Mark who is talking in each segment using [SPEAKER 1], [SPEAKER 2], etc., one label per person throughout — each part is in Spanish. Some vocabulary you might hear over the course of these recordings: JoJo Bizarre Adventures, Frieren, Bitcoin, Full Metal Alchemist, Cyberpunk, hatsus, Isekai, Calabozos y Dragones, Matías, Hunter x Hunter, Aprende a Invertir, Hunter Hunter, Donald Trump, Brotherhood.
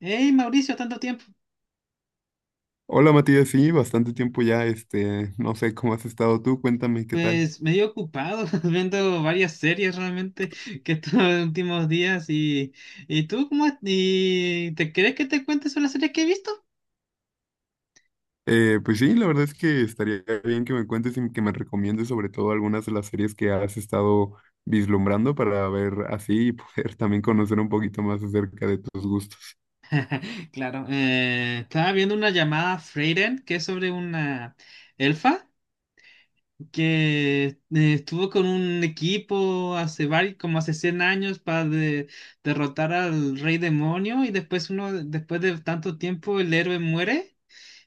[SPEAKER 1] Hey Mauricio, tanto tiempo.
[SPEAKER 2] Hola Matías, sí, bastante tiempo ya, no sé cómo has estado tú, cuéntame qué tal.
[SPEAKER 1] Pues medio ocupado viendo varias series realmente, que estos últimos días. Y tú ¿y te crees que te cuentes sobre las series que he visto?
[SPEAKER 2] Pues sí, la verdad es que estaría bien que me cuentes y que me recomiendes sobre todo algunas de las series que has estado vislumbrando para ver así y poder también conocer un poquito más acerca de tus gustos.
[SPEAKER 1] Claro, estaba viendo una llamada Freyren, que es sobre una elfa que estuvo con un equipo hace varios, como hace 100 años, para derrotar al rey demonio. Y después uno, después de tanto tiempo el héroe muere,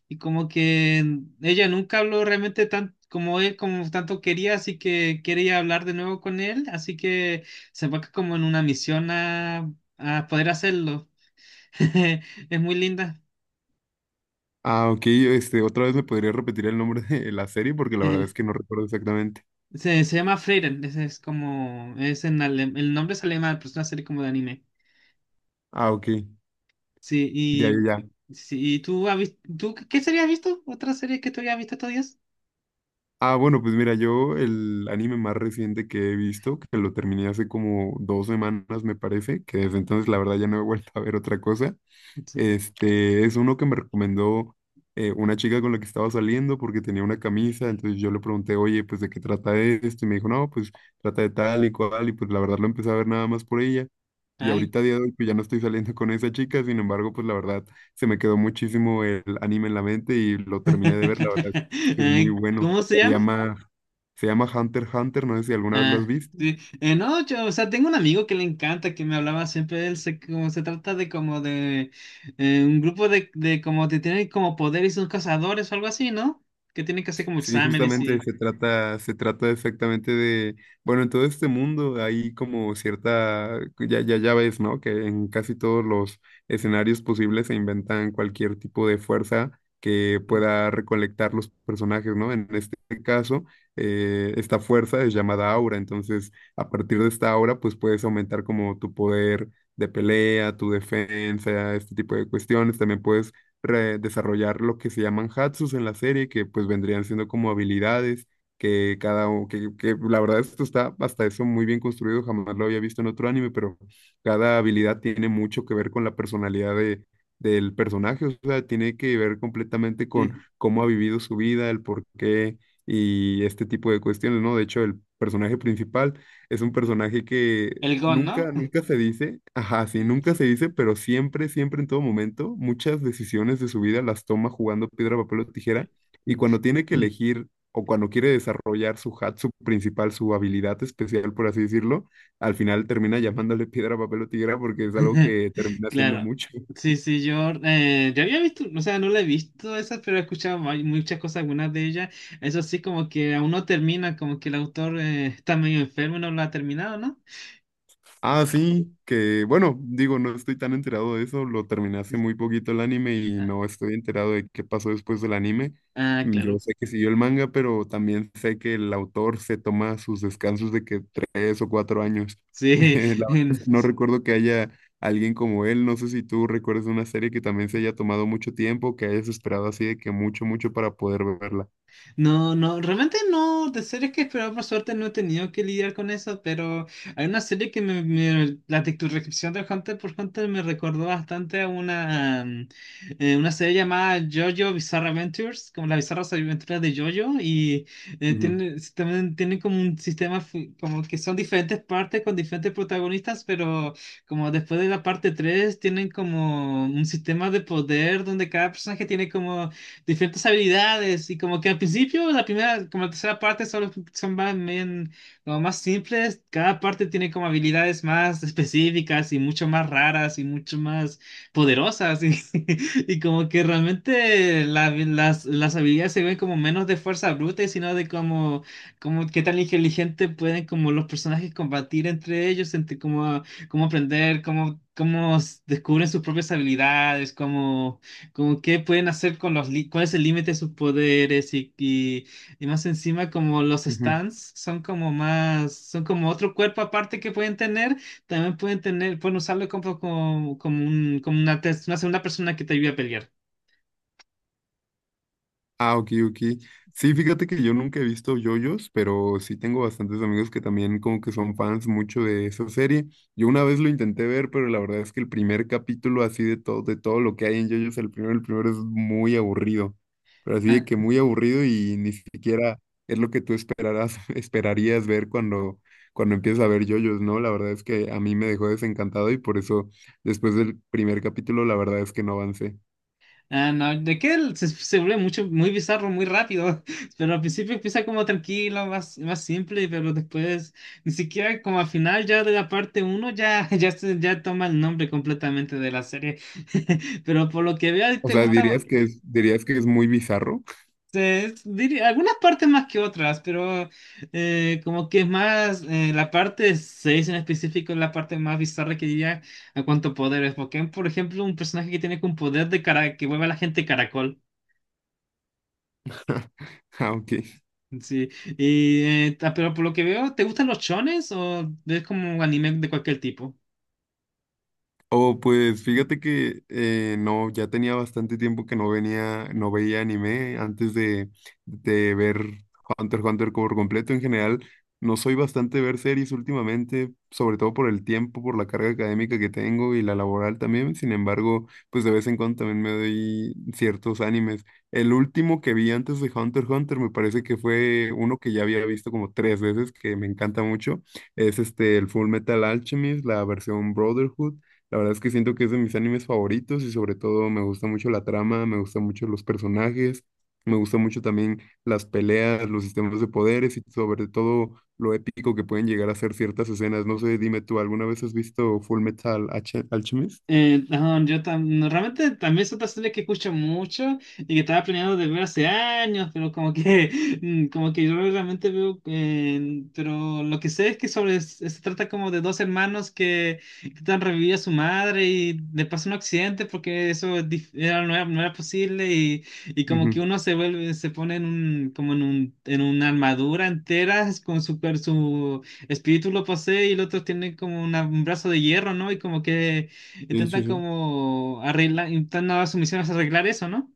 [SPEAKER 1] y como que ella nunca habló realmente tan como él, como tanto quería, así que quería hablar de nuevo con él, así que se va como en una misión a poder hacerlo. Es muy linda.
[SPEAKER 2] Ah, ok, otra vez me podría repetir el nombre de la serie porque la verdad
[SPEAKER 1] Eh,
[SPEAKER 2] es que no recuerdo exactamente.
[SPEAKER 1] se llama Frieren. Ese es como, es en el nombre es alemán, pero es una serie como de anime.
[SPEAKER 2] Ah, ok,
[SPEAKER 1] Sí,
[SPEAKER 2] ya, ya,
[SPEAKER 1] y,
[SPEAKER 2] ya.
[SPEAKER 1] sí, ¿y tú, tú qué serie has visto? ¿Otra serie que tú hayas visto estos días?
[SPEAKER 2] Ah, bueno, pues mira, yo el anime más reciente que he visto, que lo terminé hace como 2 semanas, me parece, que desde entonces la verdad ya no he vuelto a ver otra cosa,
[SPEAKER 1] Sí.
[SPEAKER 2] es uno que me recomendó una chica con la que estaba saliendo porque tenía una camisa, entonces yo le pregunté, oye, pues ¿de qué trata esto? Y me dijo, no, pues trata de tal y cual, y pues la verdad lo empecé a ver nada más por ella. Y
[SPEAKER 1] Ay.
[SPEAKER 2] ahorita a día de hoy pues ya no estoy saliendo con esa chica, sin embargo, pues la verdad se me quedó muchísimo el anime en la mente y lo terminé de ver, la verdad es que es muy
[SPEAKER 1] Ay,
[SPEAKER 2] bueno.
[SPEAKER 1] ¿cómo se
[SPEAKER 2] Se
[SPEAKER 1] llama?
[SPEAKER 2] llama, se llama Hunter x Hunter, no sé si alguna vez lo has
[SPEAKER 1] Ah,
[SPEAKER 2] visto.
[SPEAKER 1] sí. No, yo, o sea, tengo un amigo que le encanta, que me hablaba siempre de él, como se trata de como de un grupo de como que tienen como poder y son cazadores o algo así, ¿no? Que tienen que hacer como
[SPEAKER 2] Sí,
[SPEAKER 1] exámenes
[SPEAKER 2] justamente
[SPEAKER 1] y...
[SPEAKER 2] se trata exactamente de, bueno, en todo este mundo hay como cierta, ya, ya, ya ves, ¿no? Que en casi todos los escenarios posibles se inventan cualquier tipo de fuerza que pueda recolectar los personajes, ¿no? En este caso, esta fuerza es llamada aura, entonces a partir de esta aura, pues puedes aumentar como tu poder de pelea, tu defensa, este tipo de cuestiones, también puedes desarrollar lo que se llaman hatsus en la serie, que pues vendrían siendo como habilidades que cada u- que la verdad esto está hasta eso muy bien construido, jamás lo había visto en otro anime, pero cada habilidad tiene mucho que ver con la personalidad de del personaje, o sea, tiene que ver completamente con
[SPEAKER 1] Sí.
[SPEAKER 2] cómo ha vivido su vida, el por qué y este tipo de cuestiones, ¿no? De hecho, el personaje principal es un personaje que
[SPEAKER 1] El GON, ¿no?
[SPEAKER 2] Nunca, nunca se dice, ajá, sí,
[SPEAKER 1] Sí,
[SPEAKER 2] nunca se
[SPEAKER 1] sí.
[SPEAKER 2] dice, pero siempre, siempre en todo momento, muchas decisiones de su vida las toma jugando piedra, papel o tijera, y cuando tiene que
[SPEAKER 1] Sí.
[SPEAKER 2] elegir o cuando quiere desarrollar su principal, su habilidad especial, por así decirlo, al final termina llamándole piedra, papel o tijera porque es algo que termina haciendo
[SPEAKER 1] Claro.
[SPEAKER 2] mucho.
[SPEAKER 1] Sí, sí, yo, yo había visto. O sea, no la he visto esas, pero he escuchado muchas cosas, algunas de ellas. Eso sí, como que aún no termina, como que el autor está medio enfermo y no lo ha terminado, ¿no?
[SPEAKER 2] Ah, sí, que bueno, digo, no estoy tan enterado de eso, lo terminé hace
[SPEAKER 1] Sí.
[SPEAKER 2] muy poquito el anime y no
[SPEAKER 1] Ah,
[SPEAKER 2] estoy enterado de qué pasó después del anime.
[SPEAKER 1] ah,
[SPEAKER 2] Yo
[SPEAKER 1] claro.
[SPEAKER 2] sé que siguió el manga, pero también sé que el autor se toma sus descansos de que 3 o 4 años.
[SPEAKER 1] Sí,
[SPEAKER 2] La verdad es que no recuerdo que haya alguien como él, no sé si tú recuerdas una serie que también se haya tomado mucho tiempo, que hayas esperado así de que mucho, mucho para poder verla.
[SPEAKER 1] No, no, realmente no, de series que esperaba, por suerte no he tenido que lidiar con eso. Pero hay una serie que la tu descripción de Hunter por Hunter me recordó bastante a una, una serie llamada JoJo Bizarre Adventures, como las bizarras aventuras de JoJo. Y
[SPEAKER 2] Ujú,
[SPEAKER 1] tiene, también tiene como un sistema como que son diferentes partes con diferentes protagonistas, pero como después de la parte 3 tienen como un sistema de poder donde cada personaje tiene como diferentes habilidades. Y como que al principio, la primera, como la tercera parte solo son más, bien, como más simples. Cada parte tiene como habilidades más específicas y mucho más raras y mucho más poderosas. Y como que realmente las habilidades se ven como menos de fuerza bruta, y sino de como, como qué tan inteligente pueden como los personajes combatir entre ellos, entre como cómo aprender, descubren sus propias habilidades, cómo como qué pueden hacer con los cuál es el límite de sus poderes. Y más encima como los
[SPEAKER 2] ujú.
[SPEAKER 1] stands son como más, son como otro cuerpo aparte que pueden tener, también pueden tener, pueden usarlo como un, como una, una segunda persona que te ayude a pelear.
[SPEAKER 2] Ah, ok, ok. Sí, fíjate que yo nunca he visto yoyos, pero sí tengo bastantes amigos que también como que son fans mucho de esa serie. Yo una vez lo intenté ver, pero la verdad es que el primer capítulo así de todo lo que hay en yoyos, el primero es muy aburrido. Pero así de que muy aburrido y ni siquiera es lo que tú esperarás, esperarías ver cuando, cuando empiezas a ver yoyos, ¿no? La verdad es que a mí me dejó desencantado y por eso después del primer capítulo la verdad es que no avancé.
[SPEAKER 1] Ah, no, de que él se vuelve mucho, muy bizarro, muy rápido. Pero al principio empieza como tranquilo, más simple, pero después, ni siquiera como al final ya de la parte uno ya, ya, ya toma el nombre completamente de la serie. Pero por lo que veo
[SPEAKER 2] O
[SPEAKER 1] te
[SPEAKER 2] sea, ah,
[SPEAKER 1] gusta,
[SPEAKER 2] dirías que es muy bizarro.
[SPEAKER 1] algunas partes más que otras. Pero como que es más, la parte 6 en específico es la parte más bizarra, que diría a cuanto poderes, porque por ejemplo un personaje que tiene un poder de cara que vuelve a la gente caracol.
[SPEAKER 2] Ah, ok.
[SPEAKER 1] Sí, y, pero por lo que veo, ¿te gustan los chones o ves como anime de cualquier tipo?
[SPEAKER 2] Oh, pues fíjate que no, ya tenía bastante tiempo que no venía, no veía anime antes de ver Hunter x Hunter por completo. En general, no soy bastante de ver series últimamente, sobre todo por el tiempo, por la carga académica que tengo y la laboral también. Sin embargo, pues de vez en cuando también me doy ciertos animes. El último que vi antes de Hunter x Hunter me parece que fue uno que ya había visto como tres veces, que me encanta mucho. Es este, el Full Metal Alchemist, la versión Brotherhood. La verdad es que siento que es de mis animes favoritos y sobre todo me gusta mucho la trama, me gustan mucho los personajes, me gusta mucho también las peleas, los sistemas de poderes y sobre todo lo épico que pueden llegar a ser ciertas escenas. No sé, dime tú, ¿alguna vez has visto Full Metal Alchemist?
[SPEAKER 1] No, yo no, realmente también es otra serie que escucho mucho y que estaba planeando de ver hace años, pero como que, como que yo realmente veo. Pero lo que sé es que sobre, se trata como de dos hermanos que están reviviendo a su madre y le pasa un accidente porque eso es era, no era posible. Y como que
[SPEAKER 2] Ujú.
[SPEAKER 1] uno se vuelve, se pone en un, como en un, en una armadura entera con su, su espíritu lo posee, y el otro tiene como un brazo de hierro, ¿no? Y como que
[SPEAKER 2] Sí,
[SPEAKER 1] intenta
[SPEAKER 2] sí, sí.
[SPEAKER 1] como arreglar, intentando su misión es arreglar eso, ¿no?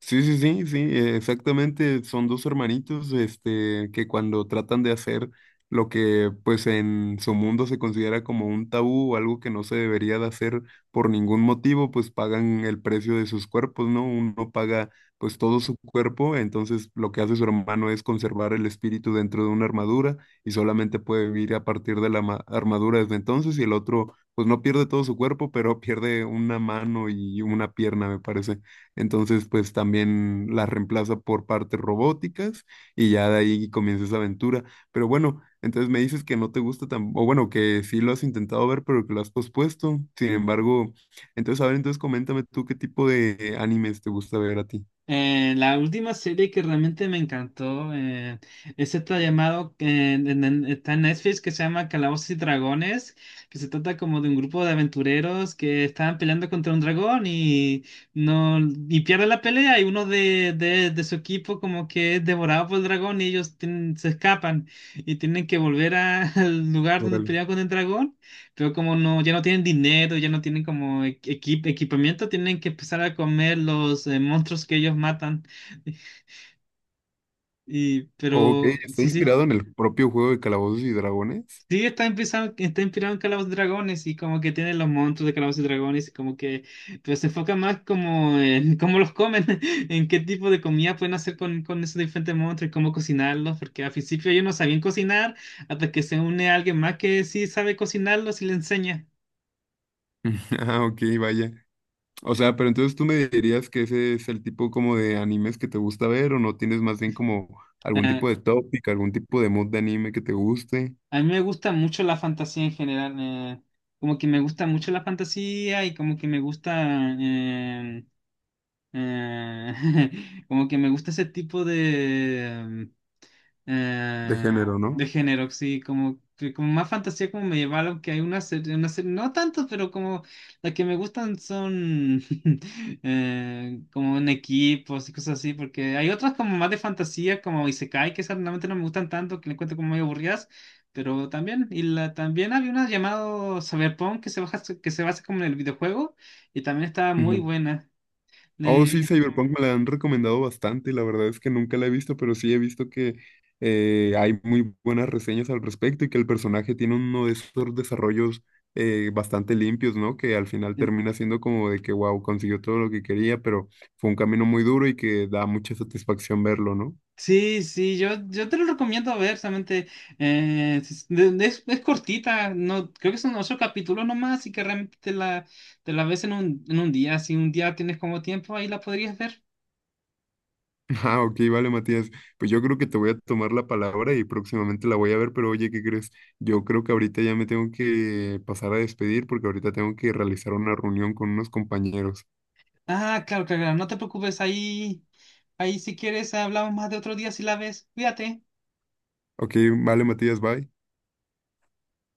[SPEAKER 2] Sí, sí, sí, sí, exactamente. Son dos hermanitos, que cuando tratan de hacer lo que, pues, en su mundo se considera como un tabú o algo que no se debería de hacer por ningún motivo, pues pagan el precio de sus cuerpos, ¿no? Uno paga, pues, todo su cuerpo, entonces lo que hace su hermano es conservar el espíritu dentro de una armadura y solamente puede vivir a partir de la armadura desde entonces y el otro, pues, no pierde todo su cuerpo, pero pierde una mano y una pierna, me parece. Entonces, pues también las reemplaza por partes robóticas y ya de ahí comienza esa aventura. Pero bueno, entonces me dices que no te gusta tan, o bueno, que sí lo has intentado ver, pero que lo has pospuesto. Sin embargo, entonces, a ver, entonces coméntame tú qué tipo de animes te gusta ver a ti.
[SPEAKER 1] La última serie que realmente me encantó es esta llamado que está en Netflix, que se llama Calabozos y Dragones. Que se trata como de un grupo de aventureros que estaban peleando contra un dragón, y no, y pierde la pelea. Y uno de su equipo como que es devorado por el dragón, y ellos tienen, se escapan y tienen que volver al lugar donde
[SPEAKER 2] Órale.
[SPEAKER 1] pelearon con el dragón. Pero como no, ya no tienen dinero, ya no tienen como equipamiento, tienen que empezar a comer los monstruos que ellos matan. Y,
[SPEAKER 2] Ok,
[SPEAKER 1] pero
[SPEAKER 2] está
[SPEAKER 1] sí, sí.
[SPEAKER 2] inspirado en el propio juego de Calabozos y Dragones.
[SPEAKER 1] Sí, está inspirado en Calabozos y Dragones, y como que tienen los monstruos de Calabozos y Dragones. Y como que, pero se enfoca más como en cómo los comen, en qué tipo de comida pueden hacer con esos diferentes monstruos y cómo cocinarlos, porque al principio ellos no sabían cocinar hasta que se une a alguien más que sí sabe cocinarlos y le enseña.
[SPEAKER 2] Ah, ok, vaya. O sea, pero entonces tú me dirías que ese es el tipo como de animes que te gusta ver o no tienes más bien como algún
[SPEAKER 1] Ah,
[SPEAKER 2] tipo de tópica, algún tipo de mood de anime que te guste,
[SPEAKER 1] a mí me gusta mucho la fantasía en general. Como que me gusta mucho la fantasía y como que me gusta, eh, como que me gusta ese tipo
[SPEAKER 2] de
[SPEAKER 1] eh,
[SPEAKER 2] género, ¿no?
[SPEAKER 1] de género, sí. Como, como más fantasía, como medieval. Aunque hay una serie, no tanto, pero como las que me gustan son como en equipos y cosas así. Porque hay otras como más de fantasía, como Isekai, que esas realmente no me gustan tanto, que le encuentro como muy aburridas. Pero también, y la, también había una llamado Cyberpunk que se baja, que se basa como en el videojuego, y también estaba muy
[SPEAKER 2] Ujú.
[SPEAKER 1] buena.
[SPEAKER 2] Oh, sí, Cyberpunk me la han recomendado bastante, la verdad es que nunca la he visto, pero sí he visto que hay muy buenas reseñas al respecto y que el personaje tiene uno de esos desarrollos bastante limpios, ¿no? Que al final
[SPEAKER 1] Eh,
[SPEAKER 2] termina siendo como de que, wow, consiguió todo lo que quería, pero fue un camino muy duro y que da mucha satisfacción verlo, ¿no?
[SPEAKER 1] Sí, sí, yo te lo recomiendo ver. Solamente es, es cortita, no, creo que son ocho capítulos nomás, así que realmente te la ves en un día. Si un día tienes como tiempo, ahí la podrías ver.
[SPEAKER 2] Ah, ok, vale, Matías. Pues yo creo que te voy a tomar la palabra y próximamente la voy a ver, pero oye, ¿qué crees? Yo creo que ahorita ya me tengo que pasar a despedir porque ahorita tengo que realizar una reunión con unos compañeros.
[SPEAKER 1] Ah, claro, claro, claro, no te preocupes. Ahí, ahí si quieres hablamos más de otro día si la ves. Cuídate.
[SPEAKER 2] Ok, vale, Matías, bye.